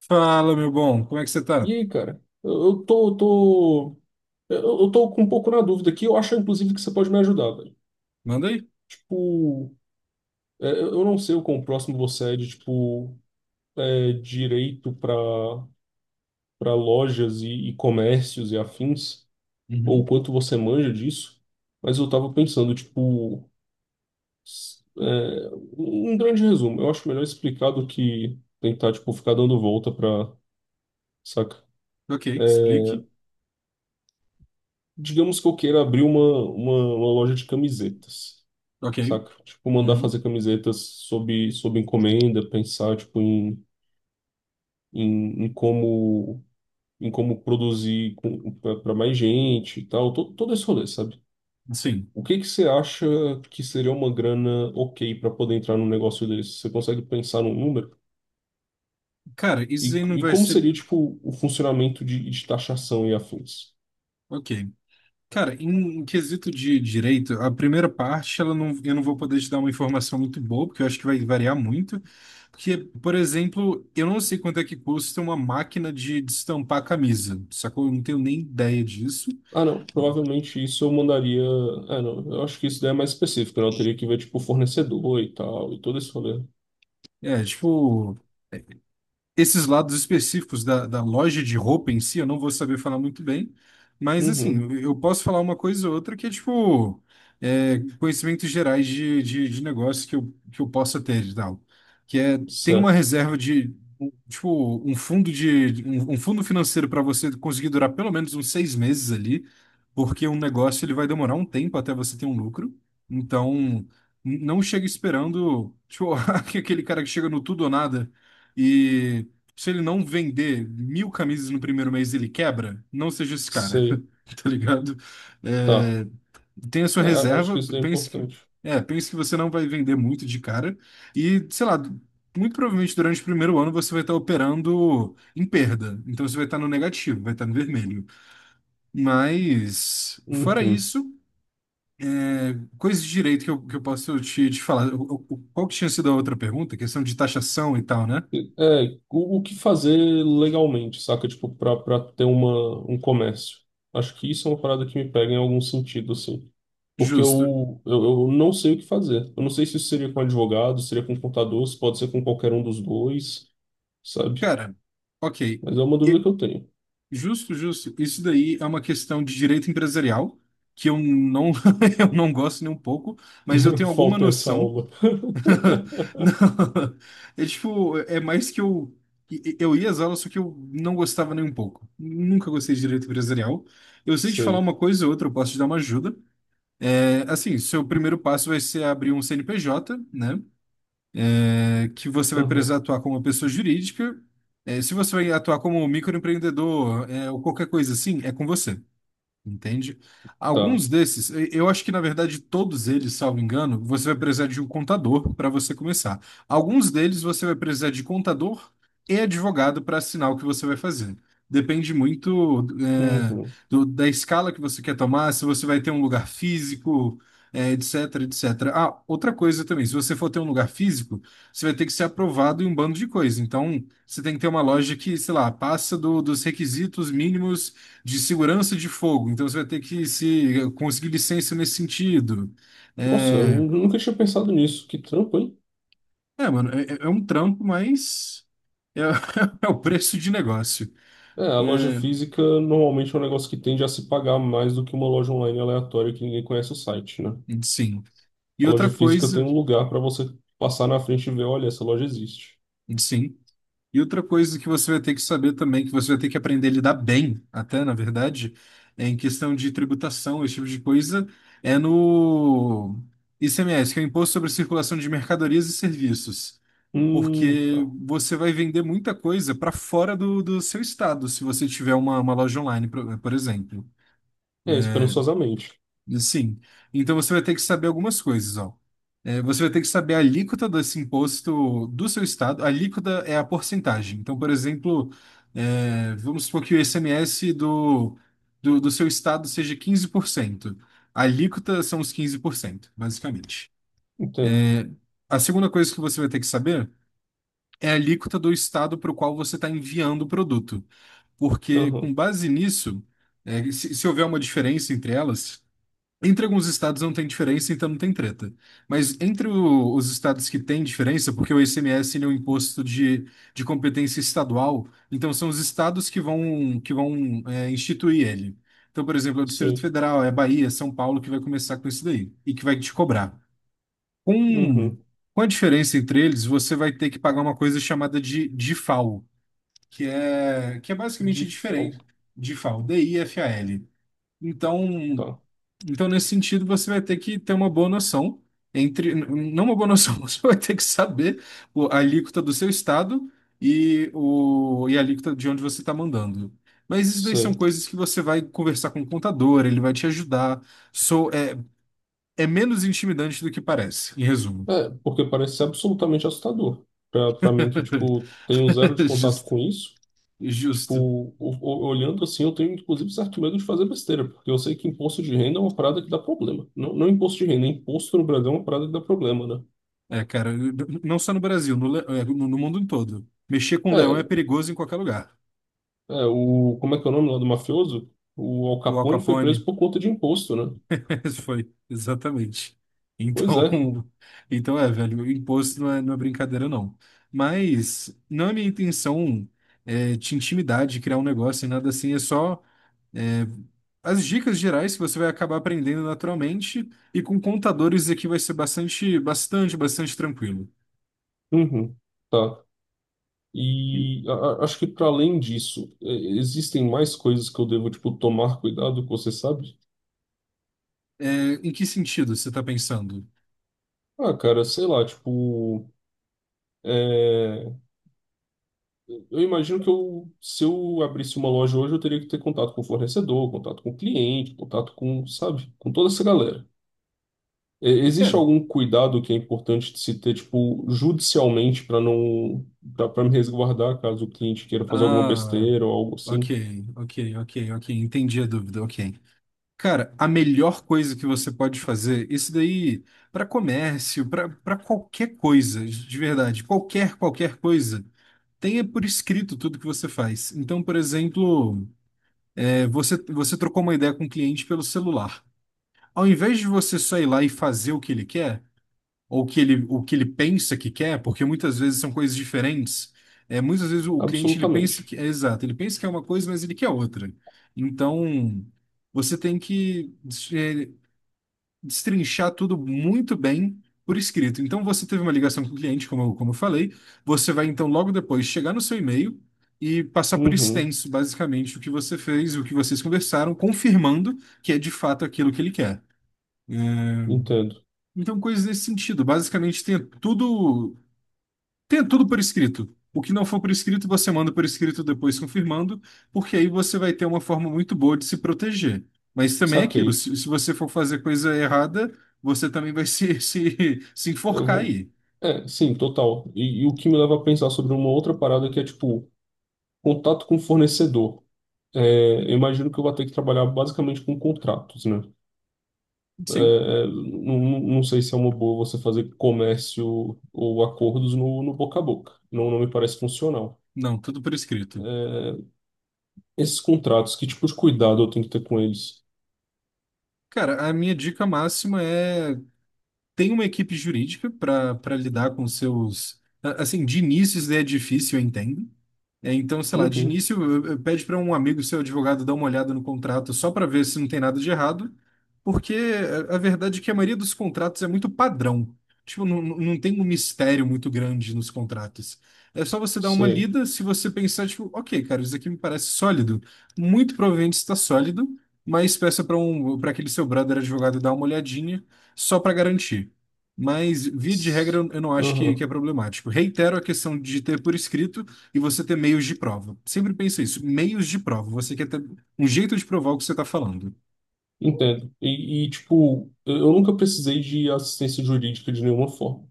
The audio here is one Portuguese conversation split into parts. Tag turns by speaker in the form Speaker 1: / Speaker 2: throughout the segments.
Speaker 1: Fala, meu bom, como é que você
Speaker 2: E
Speaker 1: tá?
Speaker 2: aí, cara? Eu tô com um pouco na dúvida aqui. Eu acho, inclusive, que você pode me ajudar, velho.
Speaker 1: Manda aí.
Speaker 2: Tipo, eu não sei o quão próximo você é de, tipo, é, direito para lojas e comércios e afins, ou o
Speaker 1: Uhum.
Speaker 2: quanto você manja disso, mas eu tava pensando, tipo, s- é, um grande resumo. Eu acho melhor explicar do que tentar, tipo, ficar dando volta pra, saca?
Speaker 1: Ok, explique.
Speaker 2: Digamos que eu queira abrir uma loja de camisetas.
Speaker 1: Ok.
Speaker 2: Saca? Tipo, mandar
Speaker 1: Uhum.
Speaker 2: fazer camisetas sob encomenda, pensar, tipo, em, em, em como, em como produzir para mais gente e tal, todo esse rolê, sabe?
Speaker 1: Sim.
Speaker 2: O que que você acha que seria uma grana ok para poder entrar num negócio desse? Você consegue pensar num número?
Speaker 1: Cara, isso
Speaker 2: E,
Speaker 1: aí não
Speaker 2: e
Speaker 1: vai
Speaker 2: como
Speaker 1: ser.
Speaker 2: seria, tipo, o funcionamento de taxação e afins?
Speaker 1: Ok. Cara, em quesito de direito, a primeira parte, ela não, eu não vou poder te dar uma informação muito boa, porque eu acho que vai variar muito. Porque, por exemplo, eu não sei quanto é que custa uma máquina de estampar camisa, sacou? Eu não tenho nem ideia disso.
Speaker 2: Ah, não, provavelmente isso eu mandaria. Ah, não, eu acho que isso daí é mais específico, né? Eu teria que ver, tipo, fornecedor e tal, e todo esse rolê.
Speaker 1: É, tipo. Esses lados específicos da loja de roupa em si, eu não vou saber falar muito bem, mas assim,
Speaker 2: Uhum.
Speaker 1: eu posso falar uma coisa ou outra que é tipo conhecimentos gerais de negócio que eu possa ter e tal. Que é, tem uma
Speaker 2: Certo.
Speaker 1: reserva de tipo um fundo de um fundo financeiro para você conseguir durar pelo menos uns 6 meses ali, porque um negócio ele vai demorar um tempo até você ter um lucro. Então, não chega esperando, tipo, aquele cara que chega no tudo ou nada se ele não vender 1.000 camisas no primeiro mês, ele quebra, não seja esse cara,
Speaker 2: Sei,
Speaker 1: tá ligado?
Speaker 2: tá.
Speaker 1: É, tenha sua
Speaker 2: É, acho
Speaker 1: reserva,
Speaker 2: que isso daí é
Speaker 1: pense que,
Speaker 2: importante.
Speaker 1: é, pense que você não vai vender muito de cara e, sei lá, muito provavelmente durante o primeiro ano você vai estar operando em perda, então você vai estar no negativo, vai estar no vermelho. Mas, fora
Speaker 2: Uhum.
Speaker 1: isso, coisa de direito que eu posso te falar. Qual que tinha sido a outra pergunta? Questão de taxação e tal, né?
Speaker 2: É, o que fazer legalmente, saca? Tipo, pra ter uma, um comércio. Acho que isso é uma parada que me pega em algum sentido, assim. Porque
Speaker 1: Justo.
Speaker 2: eu não sei o que fazer. Eu não sei se isso seria com advogado, seria com contador, se pode ser com qualquer um dos dois, sabe?
Speaker 1: Cara, ok.
Speaker 2: Mas é uma dúvida que eu tenho.
Speaker 1: Justo, justo. Isso daí é uma questão de direito empresarial, que eu não, eu não gosto nem um pouco, mas eu tenho alguma
Speaker 2: Falta essa
Speaker 1: noção.
Speaker 2: aula.
Speaker 1: Não, é tipo, é mais que eu. Eu ia às aulas, só que eu não gostava nem um pouco. Nunca gostei de direito empresarial. Eu sei te falar
Speaker 2: Sei.
Speaker 1: uma coisa ou outra, eu posso te dar uma ajuda. É, assim, seu primeiro passo vai ser abrir um CNPJ, né? Que você vai precisar
Speaker 2: Aham.
Speaker 1: atuar como uma pessoa jurídica. Se você vai atuar como um microempreendedor, ou qualquer coisa assim, é com você. Entende?
Speaker 2: Tá.
Speaker 1: Alguns desses, eu acho que na verdade todos eles, salvo engano, você vai precisar de um contador para você começar. Alguns deles você vai precisar de contador e advogado para assinar o que você vai fazer. Depende muito,
Speaker 2: Uhum.
Speaker 1: da escala que você quer tomar, se você vai ter um lugar físico, etc, etc. Ah, outra coisa também, se você for ter um lugar físico, você vai ter que ser aprovado em um bando de coisa. Então, você tem que ter uma loja que, sei lá, passa dos requisitos mínimos de segurança de fogo, então você vai ter que se conseguir licença nesse sentido.
Speaker 2: Nossa, eu
Speaker 1: É,
Speaker 2: nunca tinha pensado nisso. Que trampo, hein?
Speaker 1: é, mano, é um trampo, mas é, é o preço de negócio.
Speaker 2: É, a loja
Speaker 1: É,
Speaker 2: física normalmente é um negócio que tende a se pagar mais do que uma loja online aleatória que ninguém conhece o site, né?
Speaker 1: sim. E
Speaker 2: A
Speaker 1: outra
Speaker 2: loja física tem
Speaker 1: coisa,
Speaker 2: um lugar para você passar na frente e ver, olha, essa loja existe.
Speaker 1: sim. E outra coisa que você vai ter que saber também, que você vai ter que aprender a lidar bem, até na verdade, é em questão de tributação, esse tipo de coisa, é no ICMS, que é o Imposto sobre Circulação de Mercadorias e Serviços.
Speaker 2: Tá.
Speaker 1: Porque você vai vender muita coisa para fora do seu estado, se você tiver uma loja online, por exemplo.
Speaker 2: É, esperançosamente.
Speaker 1: E, sim. Então você vai ter que saber algumas coisas, ó. É, você vai ter que saber a alíquota desse imposto do seu estado. A alíquota é a porcentagem. Então, por exemplo, vamos supor que o ICMS do seu estado seja 15%. A alíquota são os 15%, basicamente.
Speaker 2: Entendo.
Speaker 1: A segunda coisa que você vai ter que saber é a alíquota do estado para o qual você está enviando o produto. Porque com
Speaker 2: Aham,
Speaker 1: base nisso, se houver uma diferença entre elas, entre alguns estados não tem diferença, então não tem treta. Mas entre os estados que tem diferença, porque o ICMS ele é um imposto de competência estadual, então são os estados que vão, que vão instituir ele. Então, por exemplo, é o Distrito
Speaker 2: sei.
Speaker 1: Federal, é Bahia, São Paulo que vai começar com isso daí e que vai te cobrar. Com,
Speaker 2: Uhum.
Speaker 1: com a diferença entre eles, você vai ter que pagar uma coisa chamada de DIFAL, que é basicamente
Speaker 2: De
Speaker 1: diferente
Speaker 2: falco,
Speaker 1: de FAL, DIFAL. Então,
Speaker 2: tá.
Speaker 1: então, nesse sentido, você vai ter que ter uma boa noção, entre, não uma boa noção, você vai ter que saber a alíquota do seu estado e a alíquota de onde você está mandando. Mas isso daí são
Speaker 2: Sei.
Speaker 1: coisas que você vai conversar com o contador, ele vai te ajudar. Sou, é, é menos intimidante do que parece, em resumo.
Speaker 2: É, porque parece ser absolutamente assustador. Pra mim que, tipo, tenho zero de contato
Speaker 1: Justo,
Speaker 2: com isso. Tipo,
Speaker 1: justo.
Speaker 2: olhando assim, eu tenho inclusive certo medo de fazer besteira, porque eu sei que imposto de renda é uma parada que dá problema. Não, imposto de renda, imposto no Brasil é uma parada que dá problema, né?
Speaker 1: É, cara, não só no Brasil, no mundo em todo. Mexer com leão é
Speaker 2: É,
Speaker 1: perigoso em qualquer lugar.
Speaker 2: o, como é que é o nome lá do mafioso? O Al
Speaker 1: O Al
Speaker 2: Capone foi preso
Speaker 1: Capone,
Speaker 2: por conta de imposto, né?
Speaker 1: esse foi, exatamente.
Speaker 2: Pois
Speaker 1: Então,
Speaker 2: é.
Speaker 1: então é, velho, o imposto não é, não é brincadeira, não. Mas não é minha intenção te intimidar, de criar um negócio e nada assim, é só é, as dicas gerais que você vai acabar aprendendo naturalmente e com contadores aqui vai ser bastante, bastante, bastante tranquilo.
Speaker 2: Uhum. Tá. E acho que para além disso, é, existem mais coisas que eu devo, tipo, tomar cuidado, que você sabe?
Speaker 1: É, em que sentido você está pensando?
Speaker 2: Ah, cara, sei lá, tipo. É, eu imagino que eu, se eu abrisse uma loja hoje, eu teria que ter contato com o fornecedor, contato com o cliente, contato com, sabe, com toda essa galera. É, existe
Speaker 1: É,
Speaker 2: algum cuidado que é importante de se ter, tipo, judicialmente para não, para me resguardar caso o cliente queira fazer alguma
Speaker 1: ah,
Speaker 2: besteira ou algo
Speaker 1: ok,
Speaker 2: assim?
Speaker 1: ok, ok, ok. Entendi a dúvida, ok. Cara, a melhor coisa que você pode fazer, isso daí, para comércio, para qualquer coisa, de verdade, qualquer coisa, tenha por escrito tudo que você faz. Então, por exemplo, você trocou uma ideia com o cliente pelo celular. Ao invés de você só ir lá e fazer o que ele quer, ou que ele, o que ele pensa que quer, porque muitas vezes são coisas diferentes. É, muitas vezes o cliente ele pensa
Speaker 2: Absolutamente.
Speaker 1: que é exato, ele pensa que é uma coisa, mas ele quer outra. Então, você tem que destrinchar tudo muito bem por escrito. Então, você teve uma ligação com o cliente, como, como eu falei, você vai então logo depois chegar no seu e-mail e passar por
Speaker 2: Uhum,
Speaker 1: extenso, basicamente, o que você fez, o que vocês conversaram, confirmando que é de fato aquilo que ele quer.
Speaker 2: entendo.
Speaker 1: Então, coisas nesse sentido. Basicamente, tem tudo por escrito. O que não for por escrito, você manda por escrito depois confirmando, porque aí você vai ter uma forma muito boa de se proteger. Mas também é aquilo,
Speaker 2: Saquei.
Speaker 1: se você for fazer coisa errada, você também vai se, se
Speaker 2: Eu
Speaker 1: enforcar
Speaker 2: vou.
Speaker 1: aí.
Speaker 2: É, sim, total. E o que me leva a pensar sobre uma outra parada que é, tipo, contato com o fornecedor. É, eu imagino que eu vou ter que trabalhar basicamente com contratos, né? É,
Speaker 1: Sim,
Speaker 2: não sei se é uma boa você fazer comércio ou acordos no boca a boca. Não me parece funcional.
Speaker 1: não, tudo por escrito.
Speaker 2: É, esses contratos, que tipo de cuidado eu tenho que ter com eles?
Speaker 1: Cara, a minha dica máxima é tem uma equipe jurídica para lidar com seus. Assim, de início isso daí é difícil, eu entendo. É, então, sei lá, de
Speaker 2: Uhum,
Speaker 1: início, pede para um amigo seu advogado dar uma olhada no contrato só para ver se não tem nada de errado, porque a verdade é que a maioria dos contratos é muito padrão. Tipo, não, não tem um mistério muito grande nos contratos. É só você dar uma
Speaker 2: sei.
Speaker 1: lida, se você pensar, tipo, ok, cara, isso aqui me parece sólido. Muito provavelmente está sólido, mas peça para aquele seu brother advogado dar uma olhadinha só para garantir. Mas, via de regra,
Speaker 2: S-
Speaker 1: eu não acho que é
Speaker 2: Aham,
Speaker 1: problemático. Reitero a questão de ter por escrito e você ter meios de prova. Sempre pensa isso, meios de prova. Você quer ter um jeito de provar o que você está falando.
Speaker 2: entendo. E, tipo, eu nunca precisei de assistência jurídica de nenhuma forma.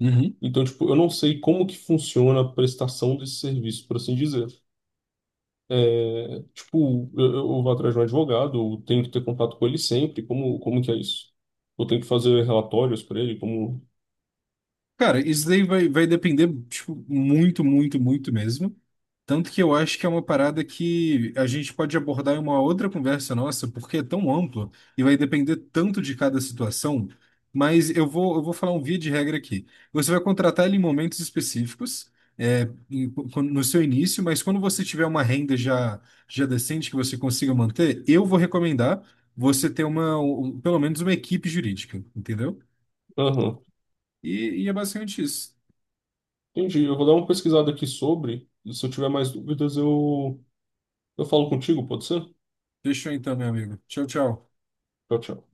Speaker 1: Uhum.
Speaker 2: Então, tipo, eu não sei como que funciona a prestação desse serviço, por assim dizer. É, tipo, eu vou atrás de um advogado, eu tenho que ter contato com ele sempre. Como que é isso? Eu tenho que fazer relatórios para ele, como...
Speaker 1: Cara, isso daí vai depender, tipo, muito, muito, muito mesmo. Tanto que eu acho que é uma parada que a gente pode abordar em uma outra conversa nossa, porque é tão amplo e vai depender tanto de cada situação. Mas eu vou falar um via de regra aqui. Você vai contratar ele em momentos específicos, é, no seu início, mas quando você tiver uma renda já, decente que você consiga manter, eu vou recomendar você ter pelo menos uma equipe jurídica, entendeu?
Speaker 2: Aham,
Speaker 1: E é basicamente isso.
Speaker 2: entendi. Eu vou dar uma pesquisada aqui sobre, e se eu tiver mais dúvidas, eu falo contigo, pode ser?
Speaker 1: Fechou então, meu amigo. Tchau, tchau.
Speaker 2: Tchau, tchau.